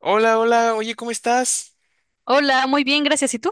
Hola, hola, oye, ¿cómo estás? Hola, muy bien, gracias. ¿Y tú?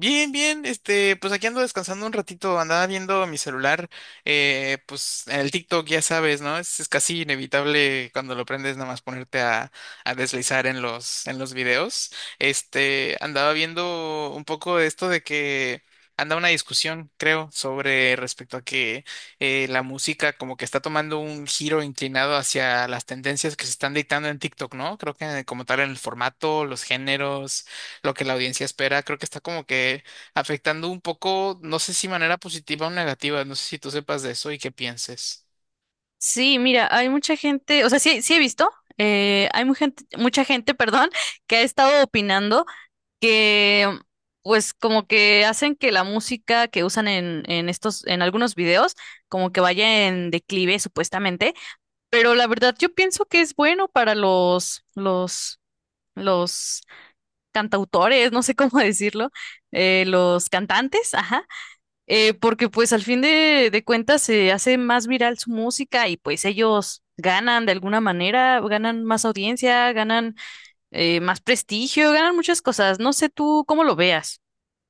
Bien, bien, pues aquí ando descansando un ratito, andaba viendo mi celular, pues el TikTok, ya sabes, ¿no? Es casi inevitable cuando lo prendes nada más ponerte a, deslizar en los videos. Andaba viendo un poco de esto de que anda una discusión, creo, sobre respecto a que la música como que está tomando un giro inclinado hacia las tendencias que se están dictando en TikTok, ¿no? Creo que como tal en el formato, los géneros, lo que la audiencia espera. Creo que está como que afectando un poco, no sé si manera positiva o negativa, no sé si tú sepas de eso y qué pienses. Sí, mira, hay mucha gente, o sea, sí, sí he visto, hay mucha gente, perdón, que ha estado opinando que, pues, como que hacen que la música que usan en estos, en algunos videos, como que vaya en declive, supuestamente. Pero la verdad, yo pienso que es bueno para los cantautores, no sé cómo decirlo, los cantantes, ajá porque pues al fin de cuentas se hace más viral su música y pues ellos ganan de alguna manera, ganan más audiencia, ganan más prestigio, ganan muchas cosas. No sé tú cómo lo veas.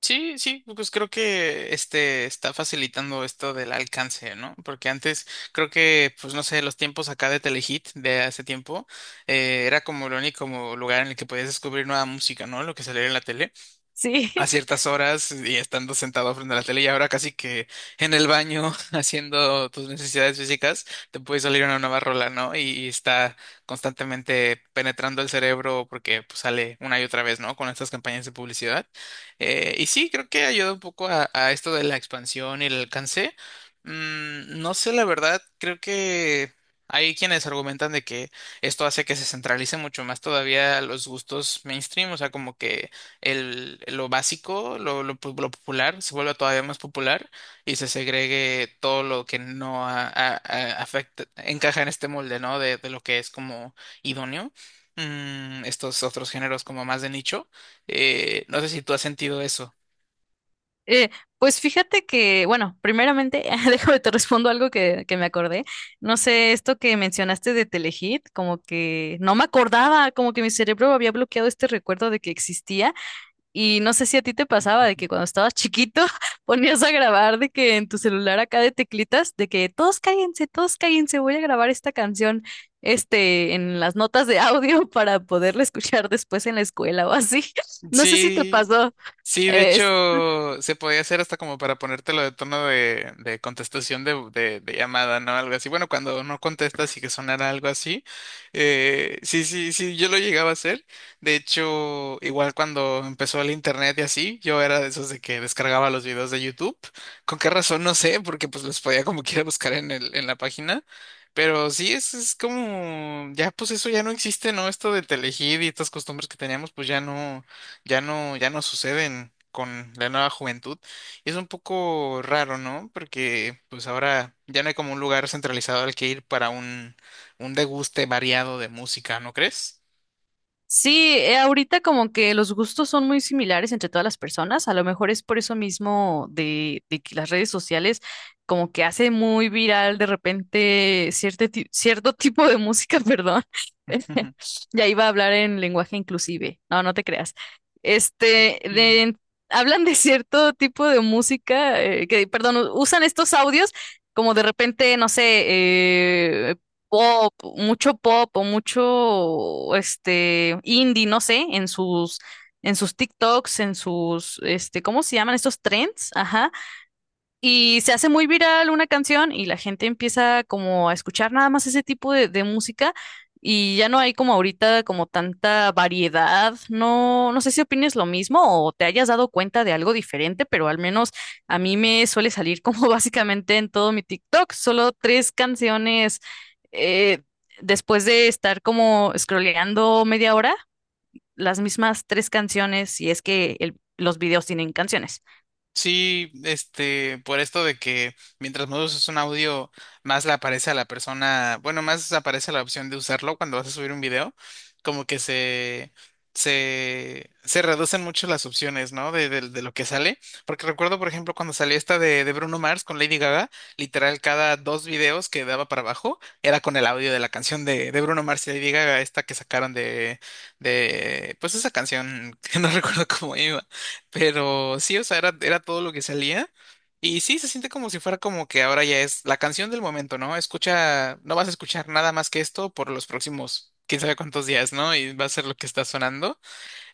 Sí, sí, pues creo que este está facilitando esto del alcance, ¿no? Porque antes creo que, pues no sé, los tiempos acá de Telehit de hace tiempo era como el único como lugar en el que podías descubrir nueva música, ¿no? Lo que salía en la tele Sí, a ciertas horas y estando sentado frente a la tele y ahora casi que en el baño haciendo tus necesidades físicas te puede salir una nueva rola, ¿no? Y está constantemente penetrando el cerebro porque pues, sale una y otra vez, ¿no? Con estas campañas de publicidad. Y sí, creo que ayuda un poco a esto de la expansión y el alcance. No sé, la verdad, creo que. Hay quienes argumentan de que esto hace que se centralice mucho más todavía los gustos mainstream, o sea, como que lo básico, lo popular, se vuelva todavía más popular y se segregue todo lo que no encaja en este molde, ¿no? De lo que es como idóneo. Estos otros géneros como más de nicho. No sé si tú has sentido eso. Eh, pues fíjate que, bueno, primeramente, déjame te respondo algo que me acordé. No sé, esto que mencionaste de Telehit, como que no me acordaba, como que mi cerebro había bloqueado este recuerdo de que existía. Y no sé si a ti te pasaba de que cuando estabas chiquito ponías a grabar de que en tu celular acá de teclitas, de que todos cállense, voy a grabar esta canción, en las notas de audio para poderla escuchar después en la escuela o así. No sé si te Sí, pasó. sí, de hecho, se podía hacer hasta como para ponértelo de tono de contestación de, de llamada, ¿no? Algo así. Bueno, cuando no contestas y que sonara algo así. Sí, sí, sí, yo lo llegaba a hacer. De hecho, igual cuando empezó el internet y así, yo era de esos de que descargaba los videos de YouTube. ¿Con qué razón? No sé, porque pues los podía como quiera buscar en la página. Pero sí, es como, ya pues eso ya no existe, ¿no? Esto de Telehit y estas costumbres que teníamos, pues ya no, ya no suceden con la nueva juventud. Y es un poco raro, ¿no? Porque pues ahora ya no hay como un lugar centralizado al que ir para un deguste variado de música, ¿no crees? Sí, ahorita como que los gustos son muy similares entre todas las personas, a lo mejor es por eso mismo de, que las redes sociales como que hace muy viral de repente cierto tipo de música, perdón. Ya iba a hablar en lenguaje inclusive, no, no te creas. Este, de- hablan de cierto tipo de música, que, perdón, usan estos audios como de repente, no sé, eh, pop, mucho pop o mucho este indie, no sé, en sus TikToks, en sus ¿cómo se llaman estos trends? Ajá. Y se hace muy viral una canción y la gente empieza como a escuchar nada más ese tipo de música y ya no hay como ahorita como tanta variedad. No, no sé si opines lo mismo o te hayas dado cuenta de algo diferente, pero al menos a mí me suele salir como básicamente en todo mi TikTok, solo tres canciones eh, después de estar como scrolleando media hora, las mismas tres canciones si es que los videos tienen canciones. Sí, por esto de que mientras más usas un audio, más le aparece a la persona, bueno, más aparece la opción de usarlo cuando vas a subir un video, como que se, se reducen mucho las opciones, ¿no? De lo que sale, porque recuerdo, por ejemplo, cuando salió esta de Bruno Mars con Lady Gaga, literal, cada dos videos que daba para abajo era con el audio de la canción de Bruno Mars y Lady Gaga, esta que sacaron de, pues esa canción que no recuerdo cómo iba. Pero sí, o sea, era todo lo que salía. Y sí, se siente como si fuera como que ahora ya es la canción del momento, ¿no? Escucha, no vas a escuchar nada más que esto por los próximos quién sabe cuántos días, ¿no? Y va a ser lo que está sonando.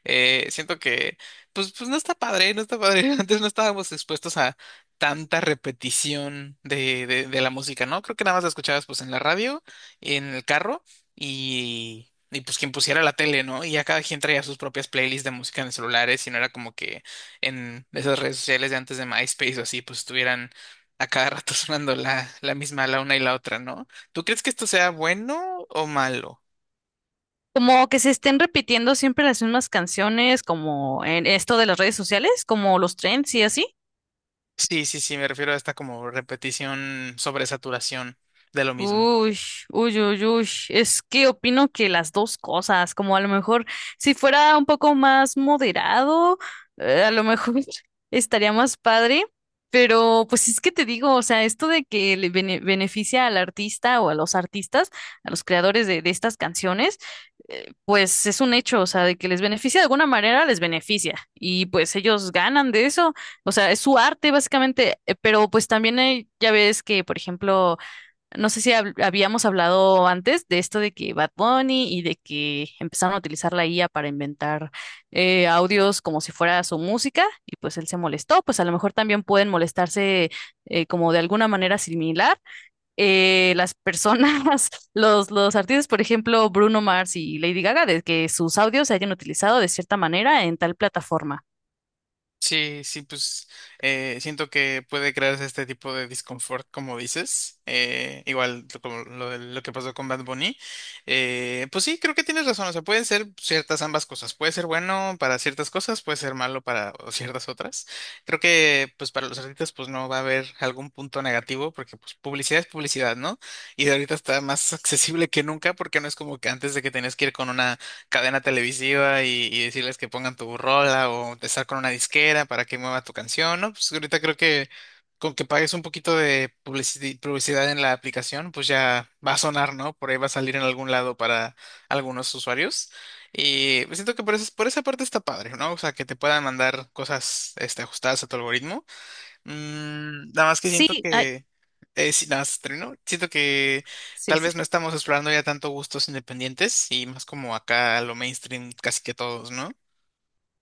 Siento que, pues no está padre, no está padre. Antes no estábamos expuestos a tanta repetición de, de la música, ¿no? Creo que nada más la escuchabas pues en la radio, en el carro y pues quien pusiera la tele, ¿no? Y ya cada quien traía sus propias playlists de música en celulares y no era como que en esas redes sociales de antes de MySpace o así, pues estuvieran a cada rato sonando la misma, la una y la otra, ¿no? ¿Tú crees que esto sea bueno o malo? Como que se estén repitiendo siempre las mismas canciones, como en esto de las redes sociales, como los trends y así. Sí, sí, sí, me refiero a esta como repetición sobre saturación de lo mismo. Uy, uy, uy, uy. Es que opino que las dos cosas, como a lo mejor si fuera un poco más moderado, a lo mejor estaría más padre, pero pues es que te digo, o sea, esto de que le beneficia al artista o a los artistas, a los creadores de estas canciones, pues es un hecho, o sea, de que les beneficia de alguna manera, les beneficia y pues ellos ganan de eso, o sea, es su arte básicamente, pero pues también hay, ya ves que, por ejemplo, no sé si habíamos hablado antes de esto de que Bad Bunny y de que empezaron a utilizar la IA para inventar audios como si fuera su música y pues él se molestó, pues a lo mejor también pueden molestarse como de alguna manera similar las personas, los artistas, por ejemplo, Bruno Mars y Lady Gaga, de que sus audios se hayan utilizado de cierta manera en tal plataforma. Sí, sí, pues siento que puede crearse este tipo de disconfort, como dices, igual lo que pasó con Bad Bunny, pues sí, creo que tienes razón, o sea, pueden ser ciertas ambas cosas, puede ser bueno para ciertas cosas, puede ser malo para o ciertas otras, creo que pues para los artistas pues no va a haber algún punto negativo, porque pues publicidad es publicidad, ¿no? Y de ahorita está más accesible que nunca, porque no es como que antes de que tenías que ir con una cadena televisiva y decirles que pongan tu rola o estar con una disquera para que mueva tu canción, ¿no? Pues ahorita creo que con que pagues un poquito de publicidad en la aplicación, pues ya va a sonar, ¿no? Por ahí va a salir en algún lado para algunos usuarios. Y siento que por esa parte está padre, ¿no? O sea, que te puedan mandar cosas, ajustadas a tu algoritmo. Nada más que siento Sí, ay, que, sí, nada más termino. Siento que sí, tal sí, vez sí. no estamos explorando ya tanto gustos independientes y más como acá a lo mainstream casi que todos, ¿no?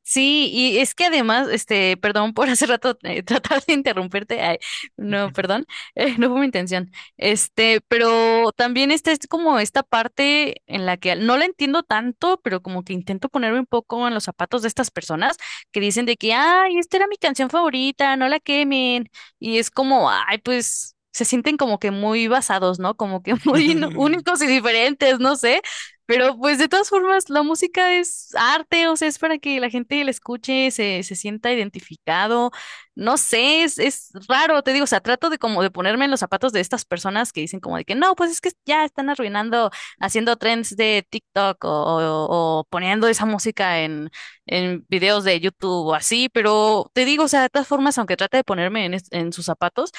Sí, y es que además, perdón por hace rato tratar de interrumpirte, ay, no, perdón, no fue mi intención. Pero también esta es como esta parte en la que no la entiendo tanto, pero como que intento ponerme un poco en los zapatos de estas personas que dicen de que, ay, esta era mi canción favorita, no la quemen. Y es como, ay, pues se sienten como que muy basados, ¿no? Como que muy ¿no? únicos y diferentes, no sé. Pero pues de todas formas, la música es arte, o sea, es para que la gente la escuche, se sienta identificado. No sé, es raro, te digo, o sea, trato de como de ponerme en los zapatos de estas personas que dicen como de que no, pues es que ya están arruinando, haciendo trends de TikTok o poniendo esa música en videos de YouTube o así, pero te digo, o sea, de todas formas, aunque trate de ponerme en sus zapatos,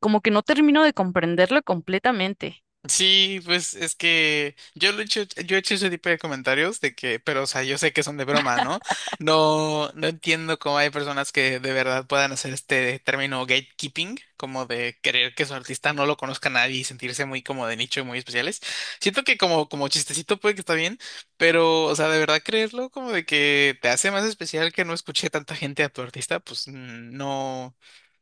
como que no termino de comprenderlo completamente. Sí, pues es que yo lo he hecho, yo he hecho ese tipo de comentarios de que, pero o sea, yo sé que son de broma, ¿no? No, no entiendo cómo hay personas que de verdad puedan hacer este término gatekeeping, como de querer que su artista no lo conozca nadie y sentirse muy como de nicho y muy especiales. Siento que como chistecito puede que está bien, pero, o sea, de verdad creerlo como de que te hace más especial que no escuche tanta gente a tu artista, pues mm, no.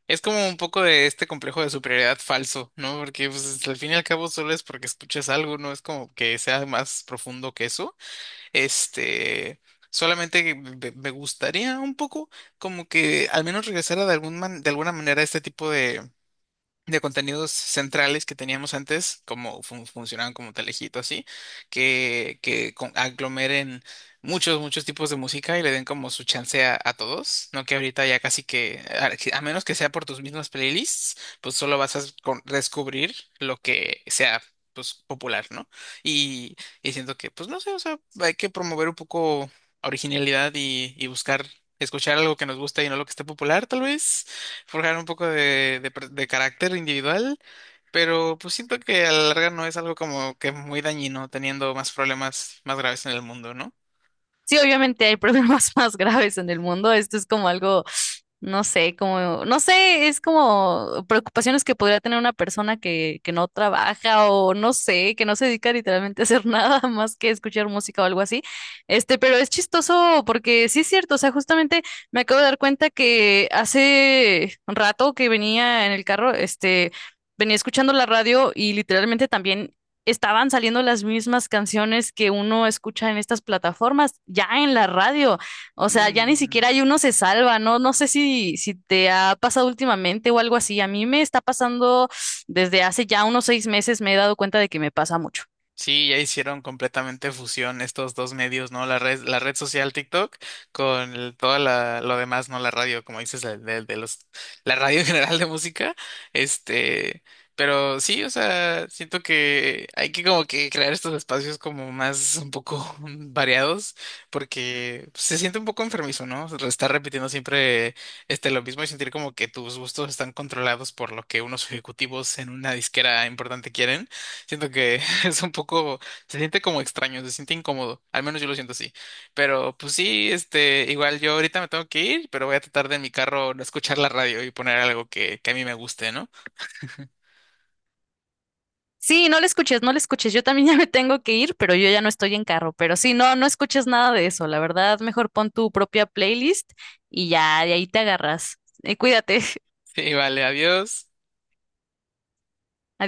Es como un poco de este complejo de superioridad falso, ¿no? Porque pues, al fin y al cabo solo es porque escuchas algo, no es como que sea más profundo que eso. Este, solamente que me gustaría un poco como que al menos regresara de de alguna manera a este tipo de contenidos centrales que teníamos antes, como funcionaban como Telejito, así, que aglomeren muchos, muchos tipos de música y le den como su chance a todos, ¿no? Que ahorita ya casi que, a menos que sea por tus mismas playlists, pues solo vas a descubrir lo que sea, pues popular, ¿no? Y, y siento que, pues no sé, o sea, hay que promover un poco originalidad y buscar escuchar algo que nos gusta y no lo que esté popular, tal vez forjar un poco de, de carácter individual, pero pues siento que a la larga no es algo como que muy dañino, teniendo más problemas más graves en el mundo, ¿no? Sí, obviamente hay problemas más graves en el mundo. Esto es como algo, no sé, como, no sé, es como preocupaciones que podría tener una persona que no trabaja o no sé, que no se dedica literalmente a hacer nada más que escuchar música o algo así. Pero es chistoso porque sí es cierto, o sea, justamente me acabo de dar cuenta que hace un rato que venía en el carro, venía escuchando la radio y literalmente también estaban saliendo las mismas canciones que uno escucha en estas plataformas, ya en la radio. O sea, ya ni Ujú. siquiera hay uno se salva, ¿no? No sé si te ha pasado últimamente o algo así. A mí me está pasando desde hace ya unos 6 meses, me he dado cuenta de que me pasa mucho. Sí, ya hicieron completamente fusión estos dos medios, ¿no? La red social TikTok con lo demás, ¿no? La radio, como dices, la radio en general de música. Este, pero sí, o sea, siento que hay que como que crear estos espacios como más un poco variados, porque se siente un poco enfermizo, ¿no? Estar repitiendo siempre lo mismo y sentir como que tus gustos están controlados por lo que unos ejecutivos en una disquera importante quieren. Siento que es un poco, se siente como extraño, se siente incómodo, al menos yo lo siento así. Pero pues sí, igual yo ahorita me tengo que ir, pero voy a tratar de en mi carro no escuchar la radio y poner algo que a mí me guste, ¿no? Sí, no le escuches, no le escuches. Yo también ya me tengo que ir, pero yo ya no estoy en carro. Pero sí, no, no escuches nada de eso. La verdad, mejor pon tu propia playlist y ya de ahí te agarras. Cuídate. Sí, vale, adiós.